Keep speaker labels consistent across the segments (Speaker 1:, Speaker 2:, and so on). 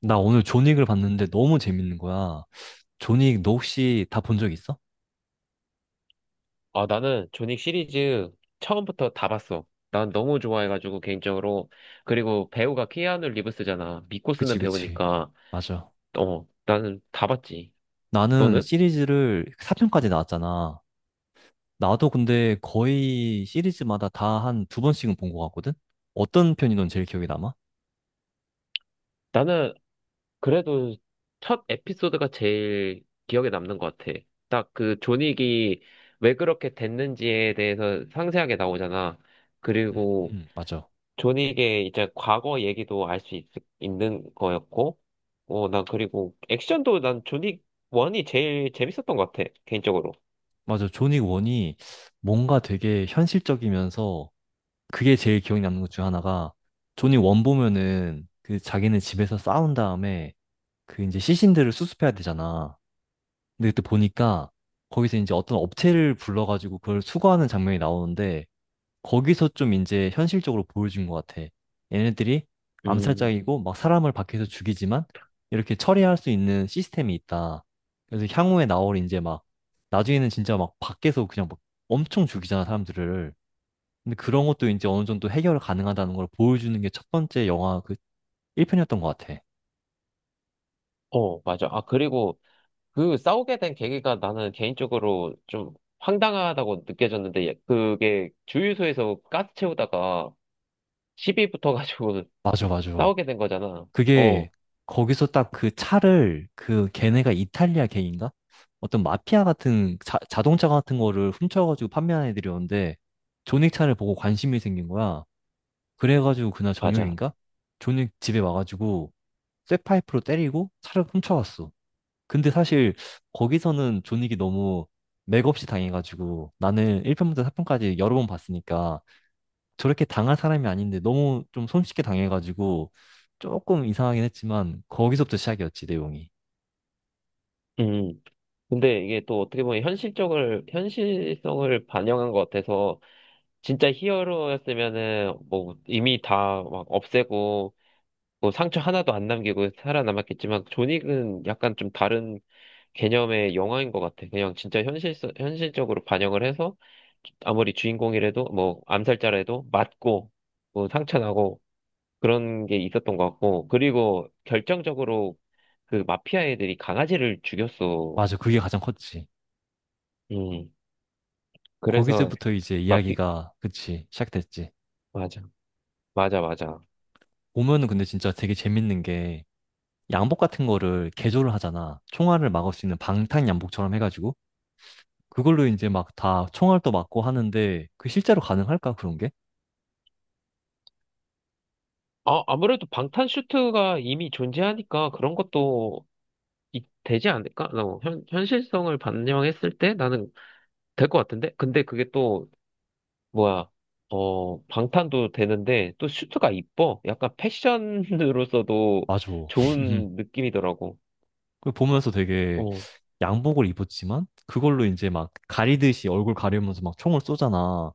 Speaker 1: 나 오늘 존윅을 봤는데 너무 재밌는 거야. 존윅 너 혹시 다 본 적 있어?
Speaker 2: 아, 나는 존윅 시리즈 처음부터 다 봤어. 난 너무 좋아해가지고, 개인적으로. 그리고 배우가 키아누 리브스잖아. 믿고
Speaker 1: 그치,
Speaker 2: 쓰는
Speaker 1: 그치.
Speaker 2: 배우니까.
Speaker 1: 맞아.
Speaker 2: 어, 나는 다 봤지.
Speaker 1: 나는
Speaker 2: 너는?
Speaker 1: 시리즈를 4편까지 나왔잖아. 나도 근데 거의 시리즈마다 다 한 두 번씩은 본 것 같거든? 어떤 편이 넌 제일 기억에 남아?
Speaker 2: 나는 그래도 첫 에피소드가 제일 기억에 남는 것 같아. 딱 그 존윅이 왜 그렇게 됐는지에 대해서 상세하게 나오잖아. 그리고
Speaker 1: 맞아.
Speaker 2: 존윅의 이제 과거 얘기도 알 수 있는 거였고, 어, 난 그리고 액션도 난 존윅 1이 제일 재밌었던 것 같아, 개인적으로.
Speaker 1: 맞아. 존윅 1이 뭔가 되게 현실적이면서 그게 제일 기억에 남는 것 중 하나가 존윅 1 보면은 그 자기는 집에서 싸운 다음에 그 이제 시신들을 수습해야 되잖아. 근데 그때 보니까 거기서 이제 어떤 업체를 불러가지고 그걸 수거하는 장면이 나오는데 거기서 좀 이제 현실적으로 보여준 것 같아. 얘네들이
Speaker 2: 음,
Speaker 1: 암살자이고 막 사람을 밖에서 죽이지만 이렇게 처리할 수 있는 시스템이 있다. 그래서 향후에 나올 이제 막 나중에는 진짜 막 밖에서 그냥 막 엄청 죽이잖아 사람들을. 근데 그런 것도 이제 어느 정도 해결 가능하다는 걸 보여주는 게 첫 번째 영화 그 1편이었던 것 같아.
Speaker 2: 어, 맞아. 아, 그리고 그 싸우게 된 계기가 나는 개인적으로 좀 황당하다고 느껴졌는데, 예, 그게 주유소에서 가스 채우다가 시비 붙어가지고
Speaker 1: 맞아, 맞아.
Speaker 2: 싸우게 된 거잖아.
Speaker 1: 그게
Speaker 2: 어,
Speaker 1: 거기서 딱 그 차를 그 걔네가 이탈리아 걔인가? 어떤 마피아 같은 자동차 같은 거를 훔쳐가지고 판매하는 애들이었는데 존윅 차를 보고 관심이 생긴 거야. 그래가지고 그날
Speaker 2: 맞아.
Speaker 1: 저녁인가? 존윅 집에 와가지고 쇠파이프로 때리고 차를 훔쳐갔어. 근데 사실 거기서는 존윅이 너무 맥없이 당해가지고 나는 1편부터 4편까지 여러 번 봤으니까 저렇게 당할 사람이 아닌데 너무 좀 손쉽게 당해가지고 조금 이상하긴 했지만 거기서부터 시작이었지 내용이.
Speaker 2: 음. 근데 이게 또 어떻게 보면 현실성을 반영한 것 같아서, 진짜 히어로였으면은 뭐 이미 다 막 없애고 뭐 상처 하나도 안 남기고 살아남았겠지만 존윅은 약간 좀 다른 개념의 영화인 것 같아. 그냥 진짜 현실적으로 반영을 해서 아무리 주인공이라도 뭐 암살자라도 맞고 뭐 상처 나고 그런 게 있었던 것 같고, 그리고 결정적으로 그 마피아 애들이 강아지를 죽였어.
Speaker 1: 맞아. 그게 가장 컸지.
Speaker 2: 음. 그래서
Speaker 1: 거기서부터 이제
Speaker 2: 마피
Speaker 1: 이야기가 그치 시작됐지.
Speaker 2: 맞아, 맞아, 맞아.
Speaker 1: 보면은 근데 진짜 되게 재밌는 게 양복 같은 거를 개조를 하잖아. 총알을 막을 수 있는 방탄 양복처럼 해가지고 그걸로 이제 막 다 총알도 막고 하는데 그 실제로 가능할까 그런 게?
Speaker 2: 아, 아무래도 방탄 슈트가 이미 존재하니까 그런 것도 되지 않을까? 어, 현실성을 반영했을 때 나는 될 것 같은데? 근데 그게 또, 뭐야, 어, 방탄도 되는데 또 슈트가 이뻐. 약간 패션으로서도
Speaker 1: 맞아.
Speaker 2: 좋은 느낌이더라고.
Speaker 1: 그 보면서 되게
Speaker 2: 어,
Speaker 1: 양복을 입었지만 그걸로 이제 막 가리듯이 얼굴 가리면서 막 총을 쏘잖아.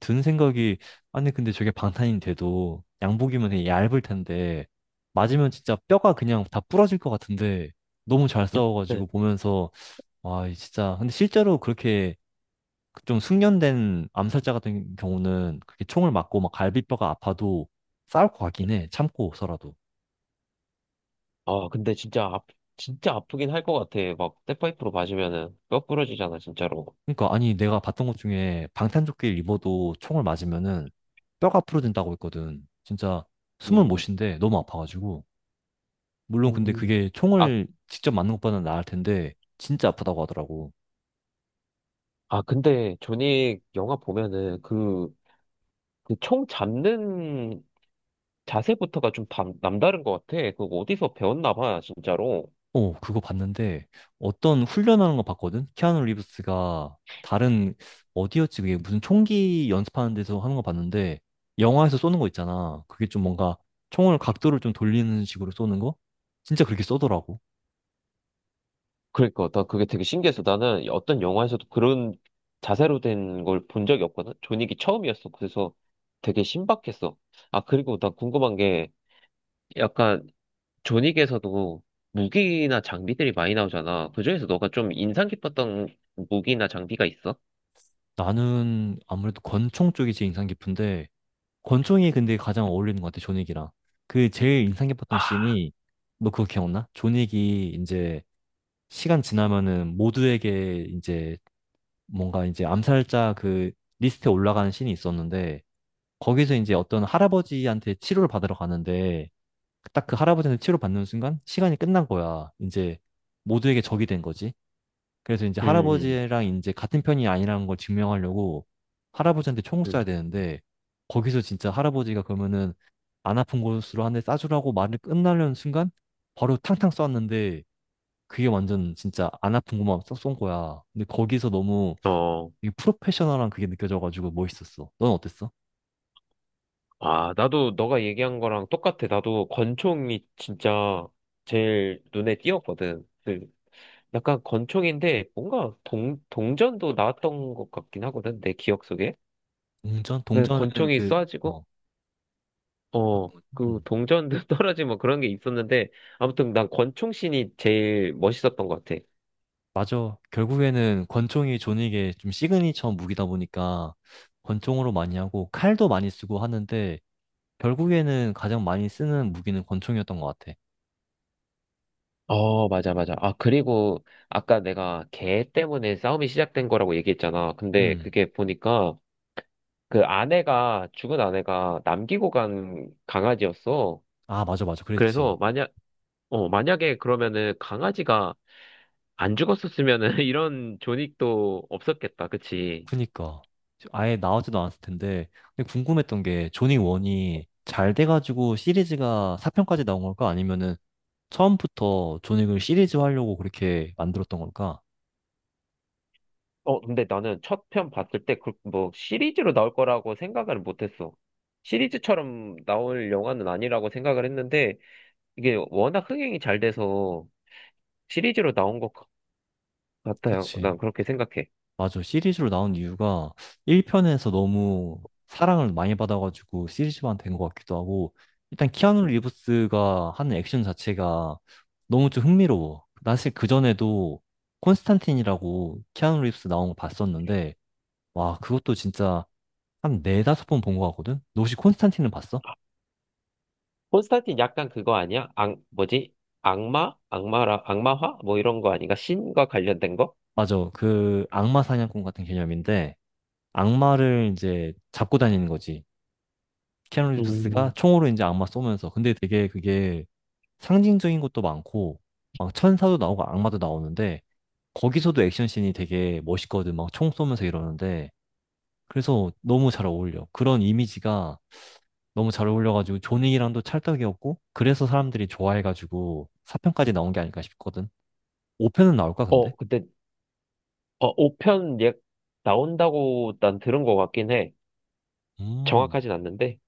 Speaker 1: 든 생각이 아니 근데 저게 방탄이 돼도 양복이면 되게 얇을 텐데 맞으면 진짜 뼈가 그냥 다 부러질 것 같은데 너무 잘
Speaker 2: 네.
Speaker 1: 싸워가지고 보면서 와이 진짜 근데 실제로 그렇게 좀 숙련된 암살자 같은 경우는 그렇게 총을 맞고 막 갈비뼈가 아파도 싸울 것 같긴 해 참고서라도.
Speaker 2: 아, 근데 진짜, 아, 진짜 아프긴 할 것 같아. 막, 백파이프로 맞으면은 뼈 부러지잖아, 진짜로.
Speaker 1: 그러니까 아니 내가 봤던 것 중에 방탄조끼를 입어도 총을 맞으면은 뼈가 부러진다고 했거든. 진짜 숨을 못
Speaker 2: 음,
Speaker 1: 쉰대. 너무 아파가지고. 물론 근데
Speaker 2: 음.
Speaker 1: 그게
Speaker 2: 아,
Speaker 1: 총을 직접 맞는 것보다는 나을 텐데 진짜 아프다고 하더라고.
Speaker 2: 아, 근데, 존윅 영화 보면은, 그, 총 잡는 자세부터가 좀 남다른 것 같아. 그거 어디서 배웠나 봐, 진짜로.
Speaker 1: 어, 그거 봤는데 어떤 훈련하는 거 봤거든? 키아누 리브스가 다른 어디였지? 그게 무슨 총기 연습하는 데서 하는 거 봤는데 영화에서 쏘는 거 있잖아. 그게 좀 뭔가 총을 각도를 좀 돌리는 식으로 쏘는 거? 진짜 그렇게 쏘더라고.
Speaker 2: 그러니까, 나 그게 되게 신기해서 나는 어떤 영화에서도 그런 자세로 된 걸 본 적이 없거든? 존윅이 처음이었어. 그래서 되게 신박했어. 아, 그리고 나 궁금한 게 약간 존윅에서도 무기나 장비들이 많이 나오잖아. 그중에서 너가 좀 인상 깊었던 무기나 장비가 있어?
Speaker 1: 나는 아무래도 권총 쪽이 제일 인상 깊은데 권총이 근데 가장 어울리는 것 같아, 존윅이랑. 그 제일 인상 깊었던
Speaker 2: 아,
Speaker 1: 씬이 너 그거 기억나? 존윅이 이제 시간 지나면은 모두에게 이제 뭔가 이제 암살자 그 리스트에 올라가는 신이 있었는데 거기서 이제 어떤 할아버지한테 치료를 받으러 가는데 딱 그 할아버지한테 치료 받는 순간 시간이 끝난 거야. 이제 모두에게 적이 된 거지. 그래서 이제
Speaker 2: 음,
Speaker 1: 할아버지랑 이제 같은 편이 아니라는 걸 증명하려고 할아버지한테 총을
Speaker 2: 음.
Speaker 1: 쏴야 되는데 거기서 진짜 할아버지가 그러면은 안 아픈 곳으로 한 대 쏴주라고 말을 끝나려는 순간 바로 탕탕 쐈는데 그게 완전 진짜 안 아픈 것만 쏙 쏜 거야. 근데 거기서 너무
Speaker 2: 어.
Speaker 1: 되게 프로페셔널한 그게 느껴져가지고 멋있었어. 넌 어땠어?
Speaker 2: 아, 나도 너가 얘기한 거랑 똑같아. 나도 권총이 진짜 제일 눈에 띄었거든. 그 약간 권총인데 뭔가 동전도 나왔던 것 같긴 하거든. 내 기억 속에.
Speaker 1: 동전?
Speaker 2: 그
Speaker 1: 동전은
Speaker 2: 권총이
Speaker 1: 그,
Speaker 2: 쏴지고,
Speaker 1: 어,
Speaker 2: 어, 그
Speaker 1: 음.
Speaker 2: 동전도 떨어지고 뭐 그런 게 있었는데, 아무튼 난 권총신이 제일 멋있었던 것 같아.
Speaker 1: 맞아. 결국에는 권총이 존윅의 좀 시그니처 무기다 보니까 권총으로 많이 하고 칼도 많이 쓰고 하는데 결국에는 가장 많이 쓰는 무기는 권총이었던 것 같아.
Speaker 2: 어, 맞아, 맞아. 아, 그리고 아까 내가 걔 때문에 싸움이 시작된 거라고 얘기했잖아. 근데
Speaker 1: 음.
Speaker 2: 그게 보니까 죽은 아내가 남기고 간 강아지였어.
Speaker 1: 아, 맞아, 맞아.
Speaker 2: 그래서
Speaker 1: 그랬지.
Speaker 2: 만약에 그러면은 강아지가 안 죽었었으면은 이런 존익도 없었겠다. 그치?
Speaker 1: 그니까 아예 나오지도 않았을 텐데 근데 궁금했던 게 조니 원이 잘 돼가지고 시리즈가 4편까지 나온 걸까? 아니면은 처음부터 조닉을 시리즈 하려고 그렇게 만들었던 걸까?
Speaker 2: 어, 근데 나는 첫 편 봤을 때 그 뭐 시리즈로 나올 거라고 생각을 못 했어. 시리즈처럼 나올 영화는 아니라고 생각을 했는데, 이게 워낙 흥행이 잘 돼서 시리즈로 나온 것 같아요.
Speaker 1: 그치.
Speaker 2: 난 그렇게 생각해.
Speaker 1: 맞아. 시리즈로 나온 이유가 1편에서 너무 사랑을 많이 받아가지고 시리즈만 된 것 같기도 하고 일단 키아누
Speaker 2: 음.
Speaker 1: 리브스가 하는 액션 자체가 너무 좀 흥미로워. 나 사실 그전에도 콘스탄틴이라고 키아누 리브스 나온 거 봤었는데 와, 그것도 진짜 한 네다섯 번 본 것 같거든? 너 혹시 콘스탄틴은 봤어?
Speaker 2: 콘스탄틴 약간 그거 아니야? 악, 뭐지? 악마? 악마화? 뭐 이런 거 아닌가? 신과 관련된 거?
Speaker 1: 맞아. 그 악마 사냥꾼 같은 개념인데, 악마를 이제 잡고 다니는 거지. 키아누 리브스가
Speaker 2: 음.
Speaker 1: 총으로 이제 악마 쏘면서. 근데 되게 그게 상징적인 것도 많고, 막 천사도 나오고 악마도 나오는데, 거기서도 액션씬이 되게 멋있거든. 막 총 쏘면서 이러는데. 그래서 너무 잘 어울려. 그런 이미지가 너무 잘 어울려가지고 조닉이랑도 찰떡이었고, 그래서 사람들이 좋아해가지고 4편까지 나온 게 아닐까 싶거든. 5편은 나올까, 근데?
Speaker 2: 어, 근데, 5편, 예, 나온다고 난 들은 것 같긴 해.
Speaker 1: 음,
Speaker 2: 정확하진 않는데.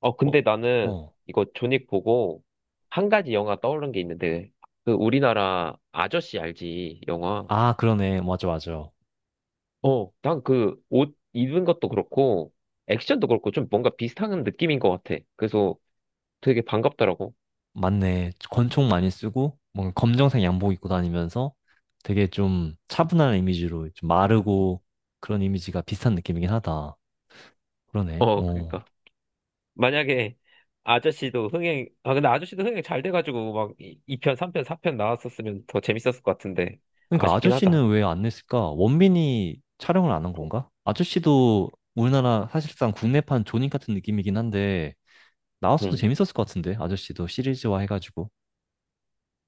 Speaker 2: 어,
Speaker 1: 어,
Speaker 2: 근데 나는
Speaker 1: 어.
Speaker 2: 이거 존윅 보고 한 가지 영화 떠오른 게 있는데, 그 우리나라 아저씨 알지? 영화.
Speaker 1: 아, 그러네. 맞아, 맞아.
Speaker 2: 어, 난 그 옷 입은 것도 그렇고, 액션도 그렇고, 좀 뭔가 비슷한 느낌인 것 같아. 그래서 되게 반갑더라고.
Speaker 1: 맞네. 권총 많이 쓰고, 뭔가 검정색 양복 입고 다니면서 되게 좀 차분한 이미지로 좀 마르고 그런 이미지가 비슷한 느낌이긴 하다. 그러네.
Speaker 2: 어,
Speaker 1: 어.
Speaker 2: 그러니까. 만약에 아저씨도 흥행, 아, 근데 아저씨도 흥행 잘 돼가지고 막 2편, 3편, 4편 나왔었으면 더 재밌었을 것 같은데,
Speaker 1: 그러니까
Speaker 2: 아쉽긴 하다.
Speaker 1: 아저씨는 왜 안 냈을까? 원빈이 촬영을 안 한 건가? 아저씨도 우리나라 사실상 국내판 존윅 같은 느낌이긴 한데, 나왔어도
Speaker 2: 음.
Speaker 1: 재밌었을 것 같은데, 아저씨도 시리즈화 해가지고.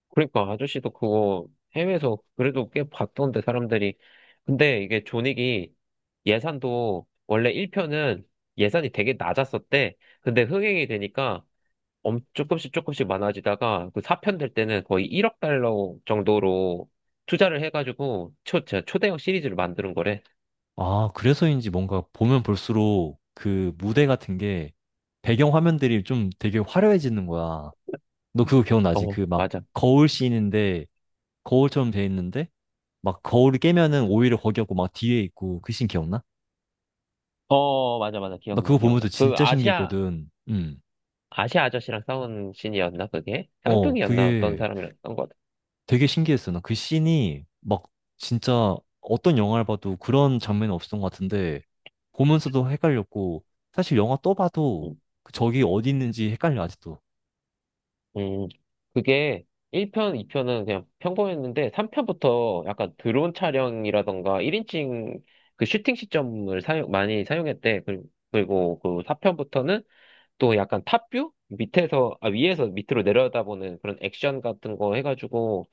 Speaker 2: 그러니까 아저씨도 그거 해외에서 그래도 꽤 봤던데, 사람들이. 근데 이게 존윅이 예산도 원래 1편은 예산이 되게 낮았었대. 근데 흥행이 되니까 엄 조금씩 조금씩 많아지다가 그 4편 될 때는 거의 1억 달러 정도로 투자를 해가지고 초, 저 초대형 시리즈를 만드는 거래.
Speaker 1: 아, 그래서인지 뭔가 보면 볼수록 그 무대 같은 게 배경 화면들이 좀 되게 화려해지는 거야. 너 그거 기억나지?
Speaker 2: 어,
Speaker 1: 그 막
Speaker 2: 맞아.
Speaker 1: 거울 씬인데 거울처럼 돼 있는데 막 거울을 깨면은 오히려 거기 없고 막 뒤에 있고 그씬 기억나?
Speaker 2: 어, 맞아, 맞아.
Speaker 1: 나
Speaker 2: 기억나,
Speaker 1: 그거 보면서
Speaker 2: 기억나. 그
Speaker 1: 진짜 신기했거든. 음.
Speaker 2: 아시아 아저씨랑 싸운 신이었나, 그게?
Speaker 1: 어,
Speaker 2: 쌍둥이였나, 어떤
Speaker 1: 그게
Speaker 2: 사람이랑 싸운 것 같아.
Speaker 1: 되게 신기했어. 나 그 씬이 막 진짜 어떤 영화를 봐도 그런 장면이 없었던 것 같은데 보면서도 헷갈렸고 사실 영화 또 봐도
Speaker 2: 음,
Speaker 1: 그기 어디 있는지 헷갈려 아직도.
Speaker 2: 음, 그게 1편, 2편은 그냥 평범했는데 3편부터 약간 드론 촬영이라던가 1인칭 그 슈팅 시점을 많이 사용했대. 그리고 그 4편부터는 또 약간 탑뷰? 위에서 밑으로 내려다보는 그런 액션 같은 거 해가지고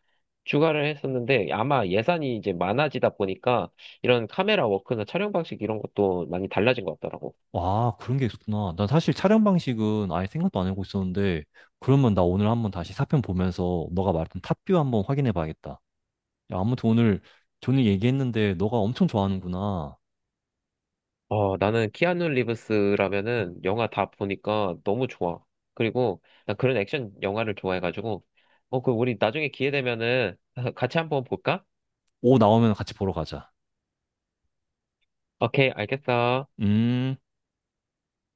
Speaker 2: 추가를 했었는데, 아마 예산이 이제 많아지다 보니까 이런 카메라 워크나 촬영 방식 이런 것도 많이 달라진 것 같더라고.
Speaker 1: 와, 그런 게 있었구나. 난 사실 촬영 방식은 아예 생각도 안 하고 있었는데 그러면 나 오늘 한번 다시 4편 보면서 너가 말했던 탑뷰 한번 확인해 봐야겠다. 야, 아무튼 오늘 존이 얘기했는데 너가 엄청 좋아하는구나.
Speaker 2: 어, 나는 키아누 리브스라면은 영화 다 보니까 너무 좋아. 그리고 난 그런 액션 영화를 좋아해가지고 그 우리 나중에 기회 되면은 같이 한번 볼까?
Speaker 1: 오 나오면 같이 보러 가자.
Speaker 2: 오케이, 알겠어.
Speaker 1: 음.